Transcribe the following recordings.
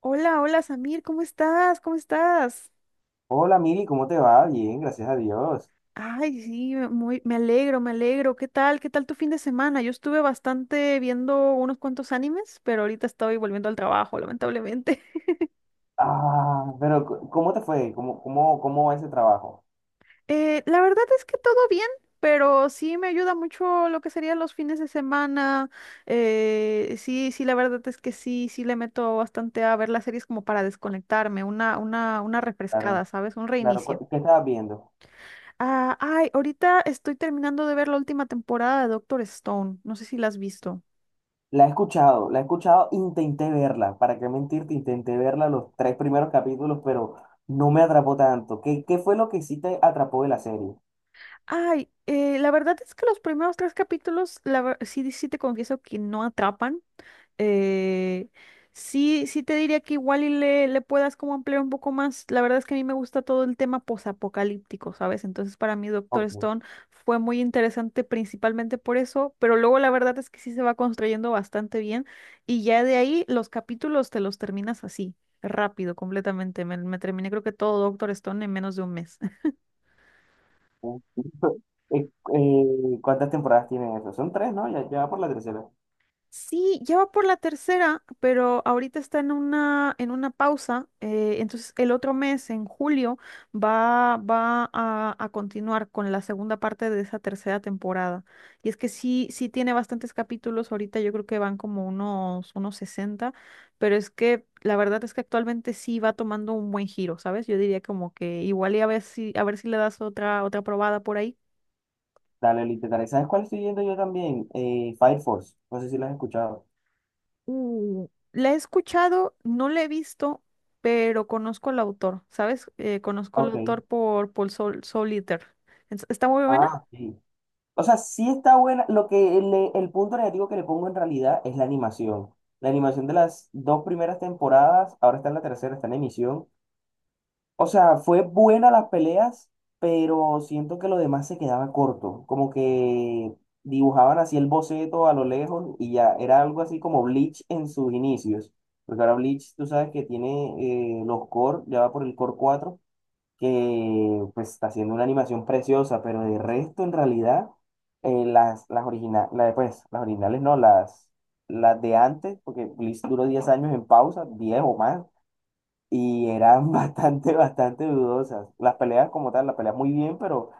Hola, hola Samir, ¿cómo estás? ¿Cómo estás? Hola Miri, ¿cómo te va? Bien, gracias a Dios. Ay, sí, muy, me alegro, me alegro. ¿Qué tal? ¿Qué tal tu fin de semana? Yo estuve bastante viendo unos cuantos animes, pero ahorita estoy volviendo al trabajo, lamentablemente. Ah, pero ¿cómo te fue? ¿Cómo va ese trabajo? La verdad es que todo bien, pero sí me ayuda mucho lo que serían los fines de semana. Sí, sí, la verdad es que sí, sí le meto bastante a ver las series como para desconectarme, una refrescada, Claro, ¿sabes? Un claro, reinicio. ¿Qué estabas viendo? Ah, ay, ahorita estoy terminando de ver la última temporada de Doctor Stone. No sé si la has visto. La he escuchado, intenté verla, para qué mentirte, intenté verla los tres primeros capítulos, pero no me atrapó tanto. ¿Qué fue lo que sí te atrapó de la serie? Ay, la verdad es que los primeros tres capítulos, sí, sí te confieso que no atrapan. Eh, sí, sí te diría que igual y le puedas como ampliar un poco más. La verdad es que a mí me gusta todo el tema posapocalíptico, ¿sabes? Entonces para mí Doctor Ok. Stone fue muy interesante principalmente por eso, pero luego la verdad es que sí se va construyendo bastante bien y ya de ahí los capítulos te los terminas así, rápido, completamente. Me terminé creo que todo Doctor Stone en menos de un mes. ¿Cuántas temporadas tiene eso? Son tres, ¿no? Ya va por la tercera. Sí, ya va por la tercera, pero ahorita está en una pausa. Entonces el otro mes, en julio, va a continuar con la segunda parte de esa tercera temporada. Y es que sí, sí tiene bastantes capítulos. Ahorita yo creo que van como unos 60, pero es que la verdad es que actualmente sí va tomando un buen giro, ¿sabes? Yo diría como que igual y a ver si le das otra probada por ahí. Dale, literal. ¿Sabes cuál estoy viendo yo también? Fire Force. No sé si la has escuchado. La he escuchado, no la he visto, pero conozco al autor, ¿sabes? Conozco al Ok. autor por Paul Sol Soliter. Está muy buena. Ah, sí. O sea, sí está buena. Lo que el punto negativo que le pongo en realidad es la animación. La animación de las dos primeras temporadas, ahora está en la tercera, está en emisión. O sea, fue buena las peleas, pero siento que lo demás se quedaba corto. Como que dibujaban así el boceto a lo lejos y ya era algo así como Bleach en sus inicios. Porque ahora Bleach, tú sabes que tiene los core, ya va por el core cuatro, que pues está haciendo una animación preciosa, pero de resto en realidad las originales, pues, las originales no, las de antes, porque Bleach duró 10 años en pausa, 10 o más, y eran bastante, bastante dudosas. Las peleas como tal, las peleas muy bien, pero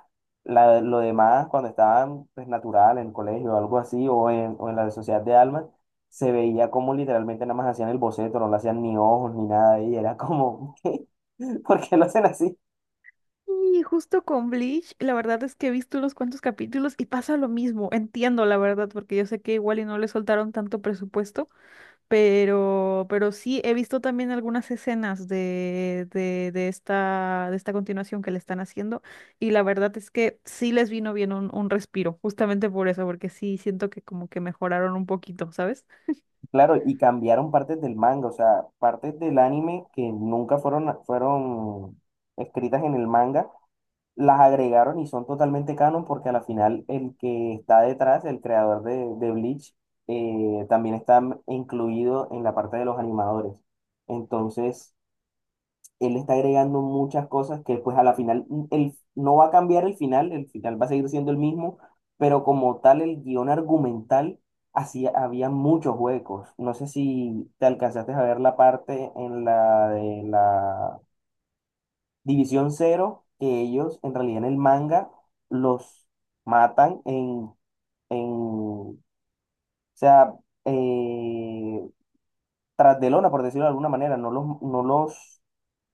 lo demás, cuando estaban pues natural en el colegio o algo así, o en, la sociedad de almas, se veía como literalmente nada más hacían el boceto, no le hacían ni ojos ni nada, y era como ¿qué? ¿Por qué lo hacen así? Y justo con Bleach, la verdad es que he visto unos cuantos capítulos y pasa lo mismo. Entiendo, la verdad, porque yo sé que igual y no le soltaron tanto presupuesto. Pero sí, he visto también algunas escenas de esta continuación que le están haciendo y la verdad es que sí les vino bien un respiro, justamente por eso, porque sí siento que como que mejoraron un poquito, ¿sabes? Claro, y cambiaron partes del manga, o sea, partes del anime que nunca fueron escritas en el manga, las agregaron y son totalmente canon, porque a la final el que está detrás, el creador de Bleach, también está incluido en la parte de los animadores. Entonces, él está agregando muchas cosas que pues a la final él no va a cambiar el final va a seguir siendo el mismo, pero como tal el guión argumental había muchos huecos. No sé si te alcanzaste a ver la parte en la de la División Cero, que ellos en realidad en el manga los matan en o sea, eh, tras de lona, por decirlo de alguna manera, no los, no los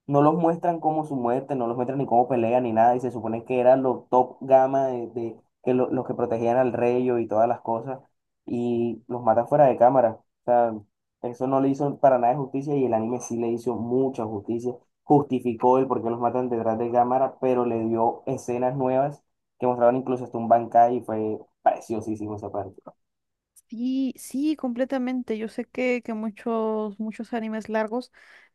No los muestran como su muerte, no los muestran ni cómo pelean ni nada, y se supone que eran los top gama que los que protegían al rey y todas las cosas, y los matan fuera de cámara. O sea, eso no le hizo para nada de justicia y el anime sí le hizo mucha justicia. Justificó el por qué los matan detrás de cámara, pero le dio escenas nuevas que mostraban incluso hasta un Bankai y fue preciosísimo esa parte. Sí, sí, completamente. Yo sé que muchos animes largos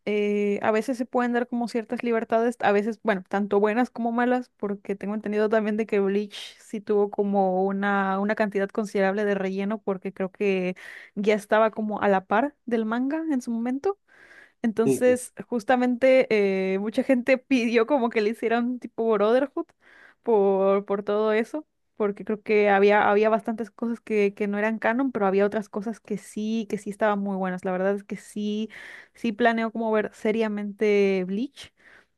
a veces se pueden dar como ciertas libertades, a veces, bueno, tanto buenas como malas, porque tengo entendido también de que Bleach sí tuvo como una cantidad considerable de relleno, porque creo que ya estaba como a la par del manga en su momento. Sí, Entonces, justamente mucha gente pidió como que le hicieran tipo Brotherhood por todo eso, porque creo que había bastantes cosas que no eran canon, pero había otras cosas que sí estaban muy buenas. La verdad es que sí, sí planeo como ver seriamente Bleach,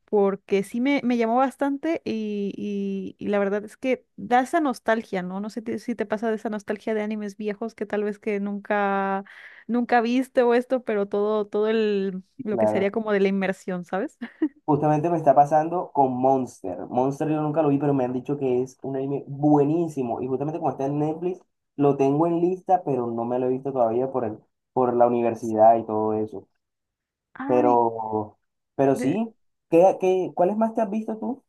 porque sí me llamó bastante y la verdad es que da esa nostalgia, ¿no? No sé si te pasa de esa nostalgia de animes viejos que tal vez que nunca, nunca viste o esto, pero todo, todo el lo que sería claro. como de la inmersión, ¿sabes? Justamente me está pasando con Monster. Monster yo nunca lo vi, pero me han dicho que es un anime buenísimo. Y justamente como está en Netflix, lo tengo en lista, pero no me lo he visto todavía por la universidad y todo eso. Ay, Pero, pero de... sí, cuáles más te has visto tú?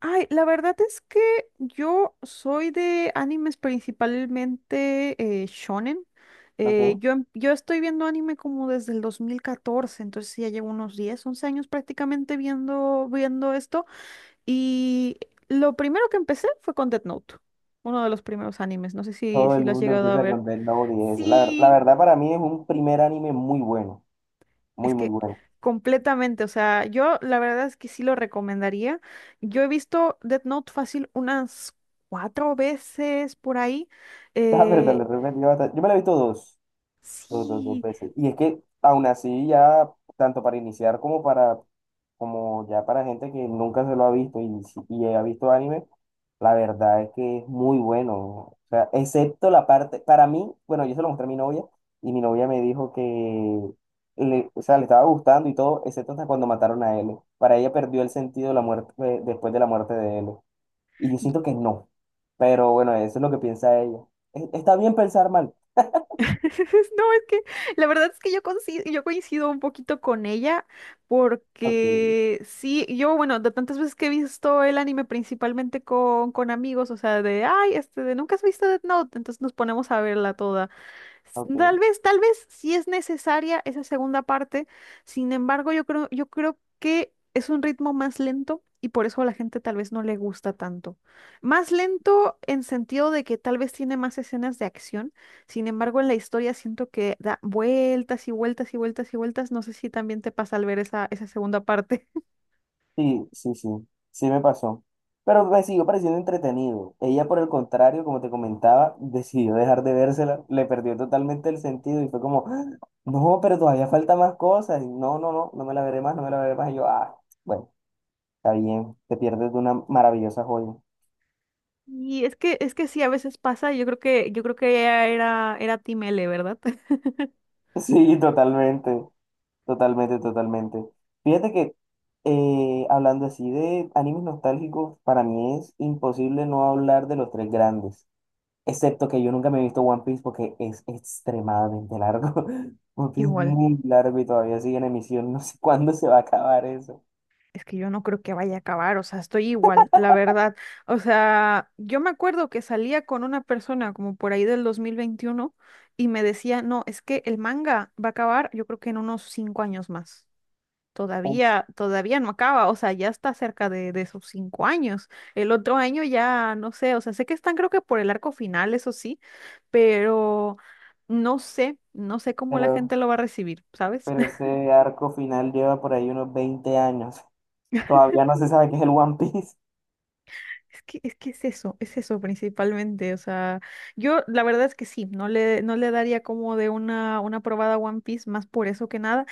Ay, la verdad es que yo soy de animes principalmente shonen. Eh, Ok. yo, em- yo estoy viendo anime como desde el 2014, entonces ya llevo unos 10, 11 años prácticamente viendo esto. Y lo primero que empecé fue con Death Note, uno de los primeros animes. No sé si, Todo si el lo has mundo llegado a empieza ver. con Death Note y eso. La Sí, verdad, para mí es un primer anime muy bueno, muy, es muy que bueno. completamente, o sea, yo la verdad es que sí lo recomendaría. Yo he visto Death Note fácil unas cuatro veces por ahí. La verdad, lo Eh, he repetido bastante. Yo me lo he visto dos sí, veces. Y es que aún así ya, tanto para iniciar como para, como ya para gente que nunca se lo ha visto y, y ha visto anime, la verdad es que es muy bueno. O sea, excepto la parte, para mí, bueno, yo se lo mostré a mi novia y mi novia me dijo que, o sea, le estaba gustando y todo, excepto hasta cuando mataron a L. Para ella perdió el sentido de la muerte, después de la muerte de L. Y yo siento que no. Pero bueno, eso es lo que piensa ella. Está bien pensar mal. no, es que la verdad es que yo coincido un poquito con ella Ok, porque sí, yo, bueno, de tantas veces que he visto el anime principalmente con amigos, o sea, ay, este, ¿nunca has visto Death Note? Entonces nos ponemos a verla toda. Ok. Tal vez sí es necesaria esa segunda parte, sin embargo, yo creo que es un ritmo más lento y por eso a la gente tal vez no le gusta tanto. Más lento en sentido de que tal vez tiene más escenas de acción, sin embargo, en la historia siento que da vueltas y vueltas y vueltas y vueltas. No sé si también te pasa al ver esa segunda parte. Sí, sí, sí, sí me pasó. Pero me siguió pareciendo entretenido. Ella, por el contrario, como te comentaba, decidió dejar de vérsela, le perdió totalmente el sentido y fue como, "Ah, no, pero todavía falta más cosas. Y, no, no, no, no me la veré más, no me la veré más". Y yo, ah, bueno, está bien, te pierdes de una maravillosa joya. Y es que sí, a veces pasa, yo creo que ella era Team L, ¿verdad? Sí, totalmente, totalmente, totalmente. Fíjate que hablando así de animes nostálgicos, para mí es imposible no hablar de los tres grandes. Excepto que yo nunca me he visto One Piece porque es extremadamente largo. One Piece es Igual. muy largo y todavía sigue en emisión. No sé cuándo se va a acabar eso. Es que yo no creo que vaya a acabar, o sea, estoy igual, la verdad. O sea, yo me acuerdo que salía con una persona como por ahí del 2021 y me decía, no, es que el manga va a acabar yo creo que en unos 5 años más. Ups. Todavía, todavía no acaba, o sea, ya está cerca de esos 5 años. El otro año ya, no sé, o sea, sé que están creo que por el arco final, eso sí, pero no sé cómo la Pero, gente lo va a recibir, ¿sabes? pero ese arco final lleva por ahí unos 20 años. Todavía no se sabe qué es el One Piece. Es que es eso principalmente. O sea, yo la verdad es que sí, no le daría como de una probada a One Piece más por eso que nada,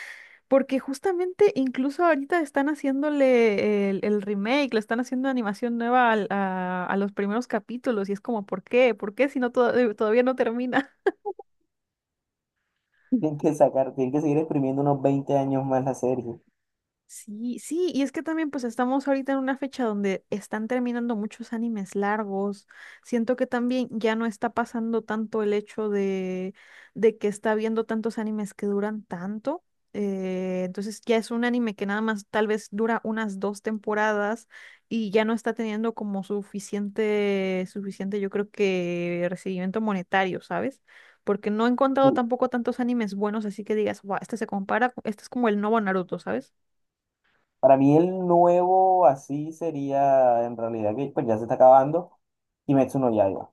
porque justamente incluso ahorita están haciéndole el remake, le están haciendo animación nueva a los primeros capítulos y es como, ¿por qué? ¿Por qué si no todavía no termina? Tienen que seguir exprimiendo unos 20 años más la serie. Sí, sí, y es que también pues estamos ahorita en una fecha donde están terminando muchos animes largos. Siento que también ya no está pasando tanto el hecho de que está viendo tantos animes que duran tanto. Entonces ya es un anime que nada más tal vez dura unas dos temporadas y ya no está teniendo como suficiente, suficiente yo creo que recibimiento monetario, ¿sabes? Porque no he encontrado tampoco tantos animes buenos, así que digas, wow, este se compara, este es como el nuevo Naruto, ¿sabes? Para mí el nuevo así sería en realidad que pues ya se está acabando Kimetsu no Yaiba.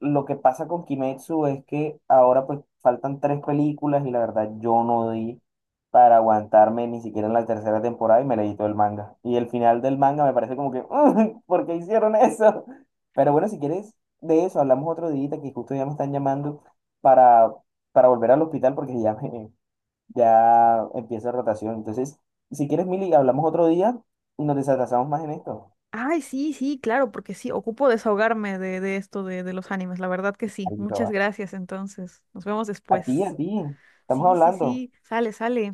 Lo que pasa con Kimetsu es que ahora pues faltan tres películas y la verdad yo no di para aguantarme ni siquiera en la tercera temporada, y me leí todo el manga. Y el final del manga me parece como que, "Mm, ¿por qué hicieron eso?". Pero bueno, si quieres de eso hablamos otro día, que justo ya me están llamando para, para volver al hospital, porque ya empieza rotación. Entonces, si quieres, Mili, hablamos otro día y nos desatrasamos más en esto. Ay, sí, sí, claro, porque sí, ocupo desahogarme de esto de los animes, la verdad que sí. Ahí se Muchas va. gracias, entonces. Nos vemos A ti, a después. ti. Estamos Sí, sí, hablando. sí, sale, sale.